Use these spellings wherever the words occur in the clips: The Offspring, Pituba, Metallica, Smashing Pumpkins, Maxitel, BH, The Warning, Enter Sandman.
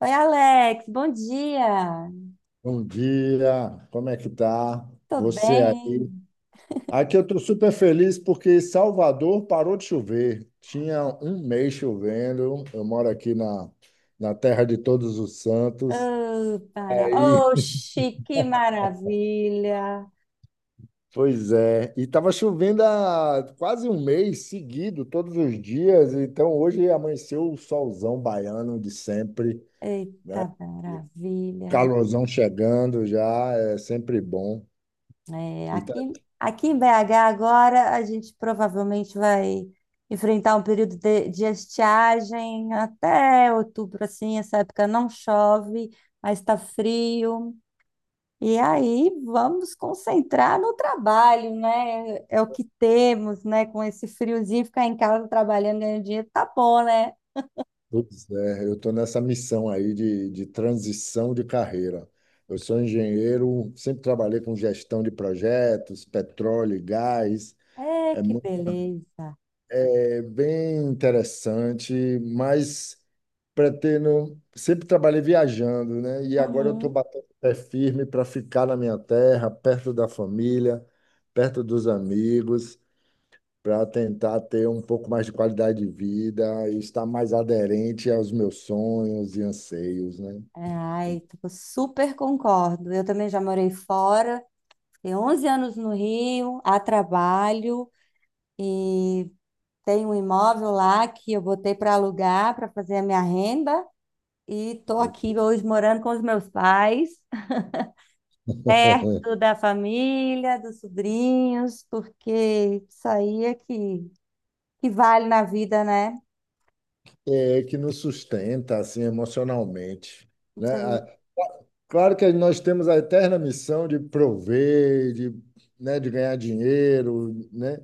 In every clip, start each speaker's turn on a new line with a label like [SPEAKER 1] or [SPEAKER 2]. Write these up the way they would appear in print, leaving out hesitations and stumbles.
[SPEAKER 1] Oi, Alex, bom dia.
[SPEAKER 2] Bom dia, como é que tá?
[SPEAKER 1] Tô
[SPEAKER 2] Você aí?
[SPEAKER 1] bem.
[SPEAKER 2] Aqui eu estou super feliz porque Salvador parou de chover. Tinha um mês chovendo. Eu moro aqui na terra de todos os santos.
[SPEAKER 1] Oh, para.
[SPEAKER 2] Aí,
[SPEAKER 1] Oxi, que maravilha.
[SPEAKER 2] pois é. E tava chovendo há quase um mês seguido, todos os dias. Então hoje amanheceu o solzão baiano de sempre,
[SPEAKER 1] Eita,
[SPEAKER 2] né?
[SPEAKER 1] maravilha.
[SPEAKER 2] Calorzão chegando já, é sempre bom.
[SPEAKER 1] É, aqui em BH agora a gente provavelmente vai enfrentar um período de estiagem até outubro, assim, essa época não chove, mas está frio. E aí vamos concentrar no trabalho, né? É o que temos, né? Com esse friozinho, ficar em casa trabalhando, ganhando dinheiro, tá bom, né?
[SPEAKER 2] Pois é, eu estou nessa missão aí de transição de carreira. Eu sou engenheiro, sempre trabalhei com gestão de projetos, petróleo e gás.
[SPEAKER 1] É,
[SPEAKER 2] É,
[SPEAKER 1] que
[SPEAKER 2] mu-
[SPEAKER 1] beleza.
[SPEAKER 2] É bem interessante, mas pretendo. Sempre trabalhei viajando, né? E agora eu estou
[SPEAKER 1] Uhum.
[SPEAKER 2] batendo o pé firme para ficar na minha terra, perto da família, perto dos amigos para tentar ter um pouco mais de qualidade de vida e estar mais aderente aos meus sonhos e anseios, né?
[SPEAKER 1] Ai, tipo, super concordo. Eu também já morei fora, fiquei 11 anos no Rio, a trabalho, e tenho um imóvel lá que eu botei para alugar, para fazer a minha renda, e estou aqui hoje morando com os meus pais, perto da família, dos sobrinhos, porque isso aí é que vale na vida, né?
[SPEAKER 2] É que nos sustenta assim emocionalmente, né?
[SPEAKER 1] Então,
[SPEAKER 2] Ah, claro que nós temos a eterna missão de prover, de, né, de ganhar dinheiro, né?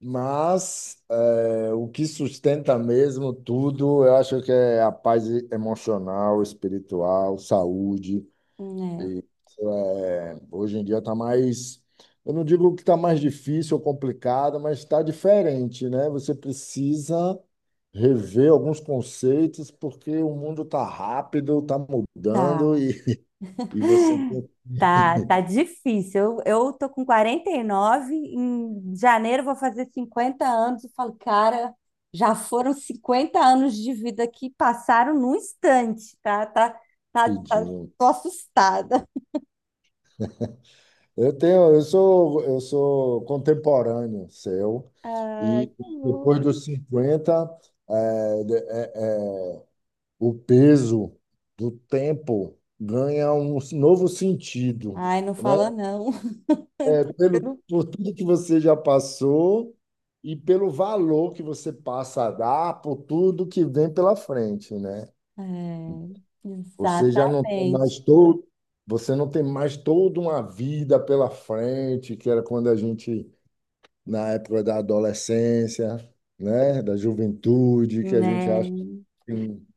[SPEAKER 2] Mas o que sustenta mesmo tudo, eu acho que é a paz emocional, espiritual, saúde.
[SPEAKER 1] né?
[SPEAKER 2] É, hoje em dia está mais, eu não digo que está mais difícil ou complicado, mas está diferente, né? Você precisa rever alguns conceitos porque o mundo está rápido, está mudando
[SPEAKER 1] Tá,
[SPEAKER 2] e, e você tem que
[SPEAKER 1] tá difícil. Eu tô com 49, em janeiro eu vou fazer 50 anos. Eu falo, cara, já foram 50 anos de vida que passaram num instante, tá? Tá, tá,
[SPEAKER 2] pedir.
[SPEAKER 1] tô assustada.
[SPEAKER 2] Eu tenho, eu sou contemporâneo seu
[SPEAKER 1] Ai,
[SPEAKER 2] e
[SPEAKER 1] que
[SPEAKER 2] depois
[SPEAKER 1] bom.
[SPEAKER 2] dos 50 é, o peso do tempo ganha um novo sentido,
[SPEAKER 1] Ai, não
[SPEAKER 2] né?
[SPEAKER 1] fala não.
[SPEAKER 2] É, pelo, por tudo que você já passou e pelo valor que você passa a dar por tudo que vem pela frente, né?
[SPEAKER 1] É,
[SPEAKER 2] Você já não tem mais
[SPEAKER 1] exatamente,
[SPEAKER 2] todo, você não tem mais toda uma vida pela frente, que era quando a gente, na época da adolescência, né? Da juventude, que a gente acha que
[SPEAKER 1] né?
[SPEAKER 2] tem,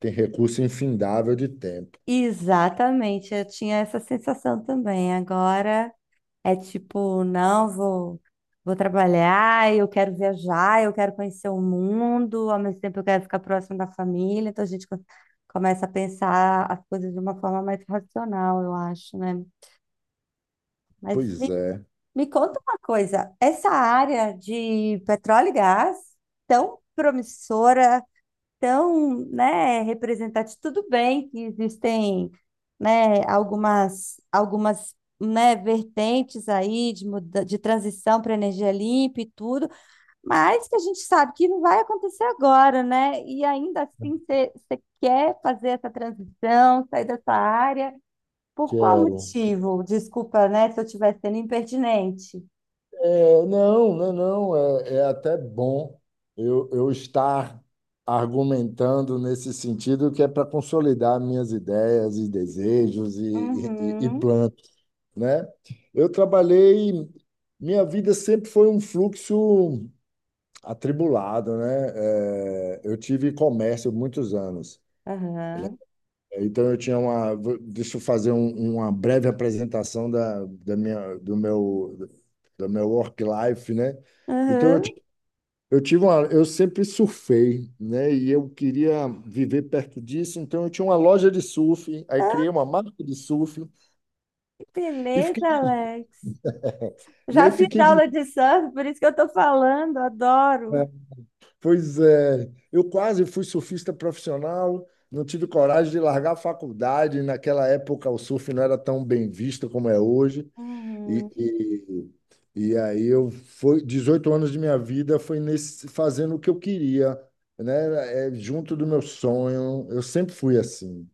[SPEAKER 2] tem recurso infindável de tempo.
[SPEAKER 1] Exatamente, eu tinha essa sensação também. Agora é tipo, não, vou trabalhar, eu quero viajar, eu quero conhecer o mundo, ao mesmo tempo eu quero ficar próximo da família, então começa a pensar as coisas de uma forma mais racional, eu acho, né? Mas
[SPEAKER 2] Pois
[SPEAKER 1] me,
[SPEAKER 2] é,
[SPEAKER 1] me conta uma coisa, essa área de petróleo e gás, tão promissora, tão, né, representativo. Tudo bem que existem, né, algumas, né, vertentes aí de transição para energia limpa e tudo, mas que a gente sabe que não vai acontecer agora, né? E ainda assim você quer fazer essa transição, sair dessa área, por qual
[SPEAKER 2] quero.
[SPEAKER 1] motivo? Desculpa, né, se eu estiver sendo impertinente.
[SPEAKER 2] É, não, não, não, é, é até bom eu estar argumentando nesse sentido que é para consolidar minhas ideias e desejos e
[SPEAKER 1] Uhum,
[SPEAKER 2] planos, né? Eu trabalhei, minha vida sempre foi um fluxo atribulado, né? É, eu tive comércio muitos anos.
[SPEAKER 1] aham,
[SPEAKER 2] Então eu tinha uma. Deixa eu fazer uma breve apresentação da minha, do meu work life, né? Então eu,
[SPEAKER 1] aham.
[SPEAKER 2] ti- eu tive uma, eu sempre surfei, né? E eu queria viver perto disso, então eu tinha uma loja de surf, aí criei uma marca de surf
[SPEAKER 1] Que
[SPEAKER 2] e fiquei,
[SPEAKER 1] beleza, Alex.
[SPEAKER 2] e aí
[SPEAKER 1] Já fiz
[SPEAKER 2] fiquei de,
[SPEAKER 1] aula de surf, por isso que eu estou falando, adoro.
[SPEAKER 2] né? Pois é, eu quase fui surfista profissional. Não tive coragem de largar a faculdade. Naquela época, o surf não era tão bem visto como é hoje. E,
[SPEAKER 1] Uhum.
[SPEAKER 2] e aí eu foi 18 anos de minha vida foi nesse fazendo o que eu queria, né? É, junto do meu sonho. Eu sempre fui assim.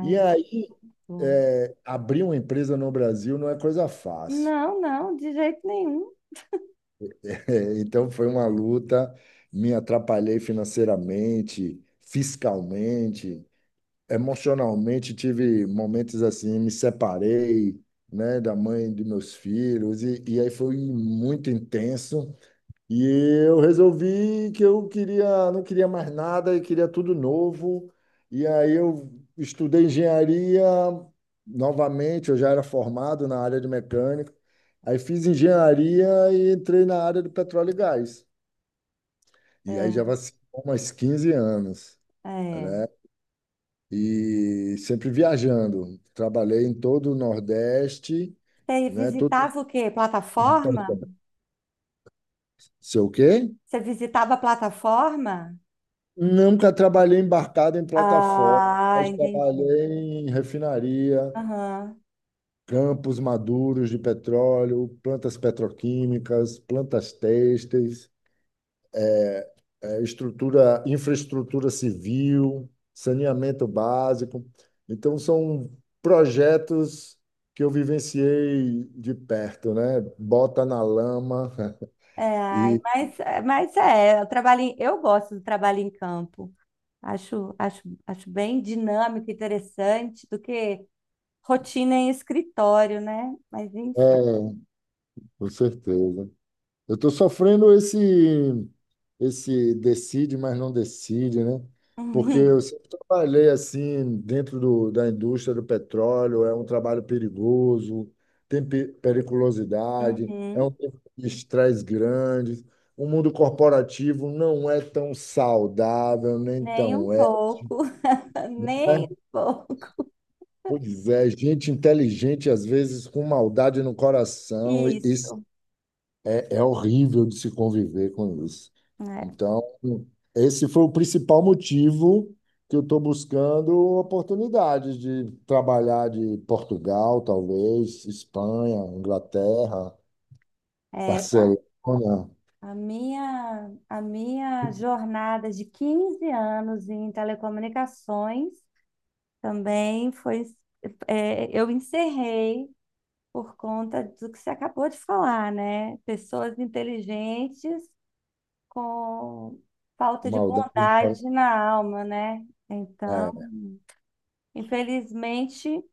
[SPEAKER 2] E aí
[SPEAKER 1] bom.
[SPEAKER 2] é, abrir uma empresa no Brasil não é coisa fácil.
[SPEAKER 1] Não, não, de jeito nenhum.
[SPEAKER 2] É, então foi uma luta. Me atrapalhei financeiramente, fiscalmente, emocionalmente. Tive momentos assim, me separei, né, da mãe de meus filhos e aí foi muito intenso. E eu resolvi que eu queria, não queria mais nada e queria tudo novo. E aí eu estudei engenharia novamente, eu já era formado na área de mecânica. Aí fiz engenharia e entrei na área de petróleo e gás. E aí
[SPEAKER 1] É,
[SPEAKER 2] já vai ser umas 15 anos,
[SPEAKER 1] é.
[SPEAKER 2] né? E sempre viajando. Trabalhei em todo o Nordeste,
[SPEAKER 1] Você
[SPEAKER 2] né? Todo...
[SPEAKER 1] visitava o quê? Plataforma?
[SPEAKER 2] Sei o quê?
[SPEAKER 1] Você visitava a plataforma?
[SPEAKER 2] Nunca trabalhei embarcado em plataforma,
[SPEAKER 1] Ah,
[SPEAKER 2] mas
[SPEAKER 1] entendi.
[SPEAKER 2] trabalhei em refinaria,
[SPEAKER 1] Aham.
[SPEAKER 2] campos maduros de petróleo, plantas petroquímicas, plantas têxteis, estrutura, infraestrutura civil, saneamento básico. Então, são projetos que eu vivenciei de perto, né? Bota na lama
[SPEAKER 1] É, ai,
[SPEAKER 2] e...
[SPEAKER 1] mas é, eu eu gosto do trabalho em campo. Acho, acho, acho bem dinâmico, interessante do que rotina em escritório, né? Mas enfim.
[SPEAKER 2] É, com certeza. Eu estou sofrendo esse, esse decide, mas não decide, né? Porque eu sempre trabalhei assim dentro do, da indústria do petróleo, é um trabalho perigoso, tem periculosidade, é
[SPEAKER 1] Uhum.
[SPEAKER 2] um tempo de estresse grande. O mundo corporativo não é tão saudável, nem
[SPEAKER 1] Nem um
[SPEAKER 2] tão é,
[SPEAKER 1] pouco, nem
[SPEAKER 2] né?
[SPEAKER 1] um pouco.
[SPEAKER 2] Pois é, gente inteligente às vezes com maldade no coração e
[SPEAKER 1] Isso,
[SPEAKER 2] é é horrível de se conviver com isso.
[SPEAKER 1] né?
[SPEAKER 2] Então, esse foi o principal motivo que eu estou buscando oportunidades de trabalhar de Portugal, talvez, Espanha, Inglaterra,
[SPEAKER 1] É,
[SPEAKER 2] Barcelona,
[SPEAKER 1] a minha jornada de 15 anos em telecomunicações também foi, é, eu encerrei por conta do que você acabou de falar, né? Pessoas inteligentes com falta de
[SPEAKER 2] maldade.
[SPEAKER 1] bondade na alma, né? Então,
[SPEAKER 2] É.
[SPEAKER 1] infelizmente,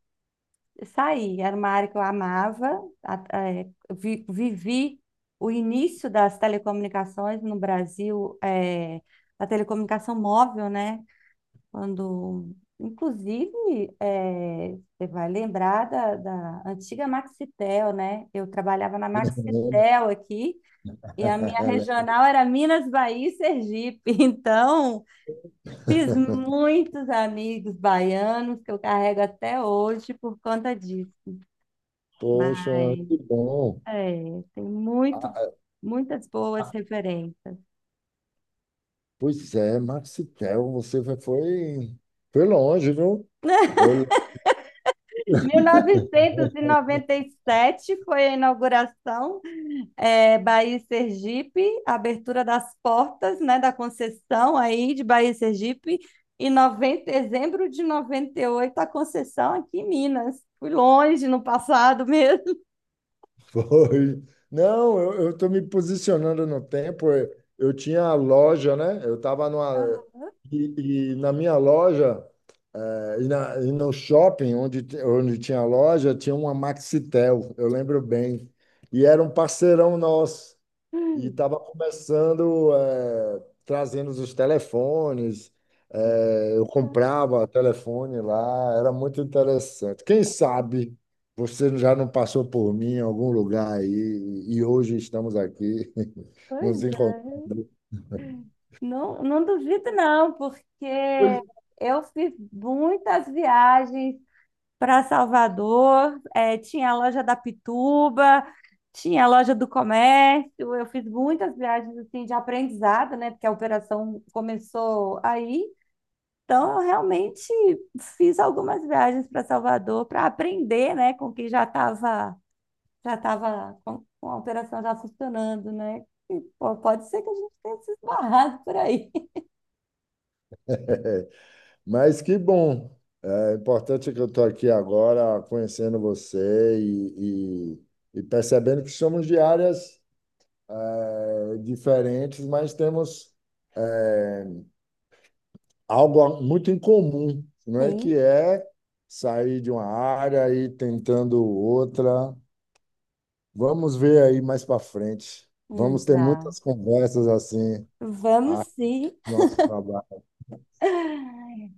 [SPEAKER 1] saí. Era uma área que eu amava. Vivi o início das telecomunicações no Brasil, é, da telecomunicação móvel, né? Quando, inclusive, é, você vai lembrar da antiga Maxitel, né? Eu trabalhava na Maxitel aqui. E a minha regional era Minas, Bahia e Sergipe. Então, fiz muitos amigos baianos que eu carrego até hoje por conta disso.
[SPEAKER 2] Poxa,
[SPEAKER 1] Mas
[SPEAKER 2] que bom.
[SPEAKER 1] é,
[SPEAKER 2] Ah, ah,
[SPEAKER 1] muitas boas referências.
[SPEAKER 2] pois é, Maxitel, você foi, foi longe, viu? Eu
[SPEAKER 1] Mil novecentos e noventa e sete foi a inauguração, é, Bahia e Sergipe, a abertura das portas, né, da concessão aí de Bahia e Sergipe, e dezembro de 98 a concessão aqui em Minas. Fui longe no passado mesmo.
[SPEAKER 2] foi. Não, eu estou me posicionando no tempo. Eu tinha a loja, né? Eu estava numa. E na minha loja, e no shopping onde tinha a loja, tinha uma Maxitel, eu lembro bem. E era um parceirão nosso. E
[SPEAKER 1] Hum,
[SPEAKER 2] estava começando, trazendo os telefones, eu comprava telefone lá, era muito interessante. Quem sabe você já não passou por mim em algum lugar aí e hoje estamos aqui nos
[SPEAKER 1] pois é,
[SPEAKER 2] encontrando.
[SPEAKER 1] não, não duvido não, porque
[SPEAKER 2] Pois-
[SPEAKER 1] eu fiz muitas viagens para Salvador, eh, tinha a loja da Pituba, tinha a loja do comércio. Eu fiz muitas viagens assim de aprendizado, né? Porque a operação começou aí. Então, eu realmente fiz algumas viagens para Salvador para aprender, né, com quem já estava com a operação já funcionando, né? E, pô, pode ser que a gente tenha se esbarrado por aí.
[SPEAKER 2] Mas que bom! É importante que eu estou aqui agora conhecendo você e percebendo que somos de áreas, diferentes, mas temos eh, algo muito incomum, não é? Que
[SPEAKER 1] Sim,
[SPEAKER 2] é sair de uma área e ir tentando outra. Vamos ver aí mais para frente. Vamos ter
[SPEAKER 1] exato.
[SPEAKER 2] muitas conversas assim, a
[SPEAKER 1] Vamos sim.
[SPEAKER 2] nosso trabalho.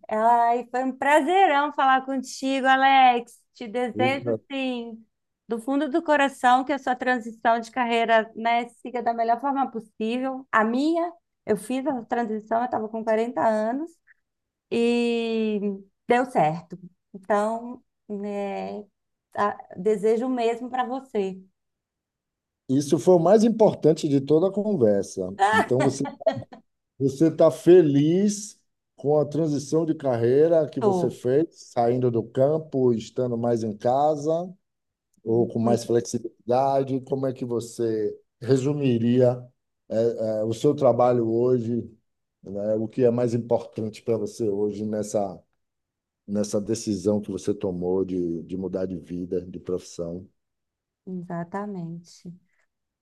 [SPEAKER 1] Ai, foi um prazerão falar contigo, Alex. Te desejo, sim, do fundo do coração, que a sua transição de carreira, né, siga da melhor forma possível. A minha, eu fiz a transição, eu estava com 40 anos e deu certo. Então, né, a- desejo o mesmo para você.
[SPEAKER 2] Isso foi o mais importante de toda a conversa. Então você está feliz com a transição de carreira que você
[SPEAKER 1] Tô,
[SPEAKER 2] fez, saindo do campo, estando mais em casa. Ou com mais
[SPEAKER 1] muito,
[SPEAKER 2] flexibilidade? Como é que você resumiria, eh, o seu trabalho hoje, né? O que é mais importante para você hoje nessa decisão que você tomou de mudar de vida, de profissão?
[SPEAKER 1] exatamente.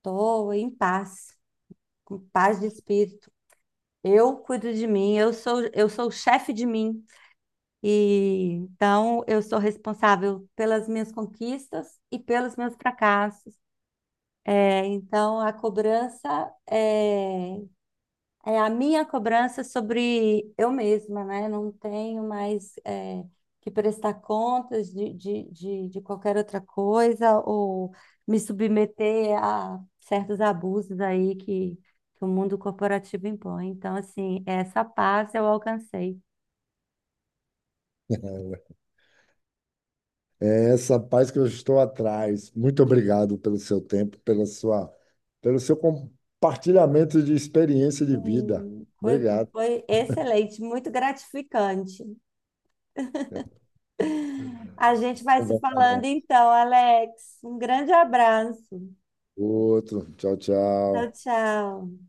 [SPEAKER 1] Tô em paz, com paz de espírito. Eu cuido de mim, eu sou o chefe de mim. E então eu sou responsável pelas minhas conquistas e pelos meus fracassos. É, então é a minha cobrança sobre eu mesma, né? Não tenho mais é, que prestar contas de qualquer outra coisa ou me submeter a certos abusos aí que o mundo corporativo impõe. Então, assim, essa paz eu alcancei.
[SPEAKER 2] É essa paz que eu estou atrás. Muito obrigado pelo seu tempo, pela sua, pelo seu compartilhamento de experiência de vida.
[SPEAKER 1] Hum, foi,
[SPEAKER 2] Obrigado.
[SPEAKER 1] foi excelente, muito gratificante. A gente vai se
[SPEAKER 2] Conversa
[SPEAKER 1] falando
[SPEAKER 2] mais.
[SPEAKER 1] então, Alex. Um grande abraço.
[SPEAKER 2] Outro. Tchau,
[SPEAKER 1] Tchau,
[SPEAKER 2] tchau.
[SPEAKER 1] tchau.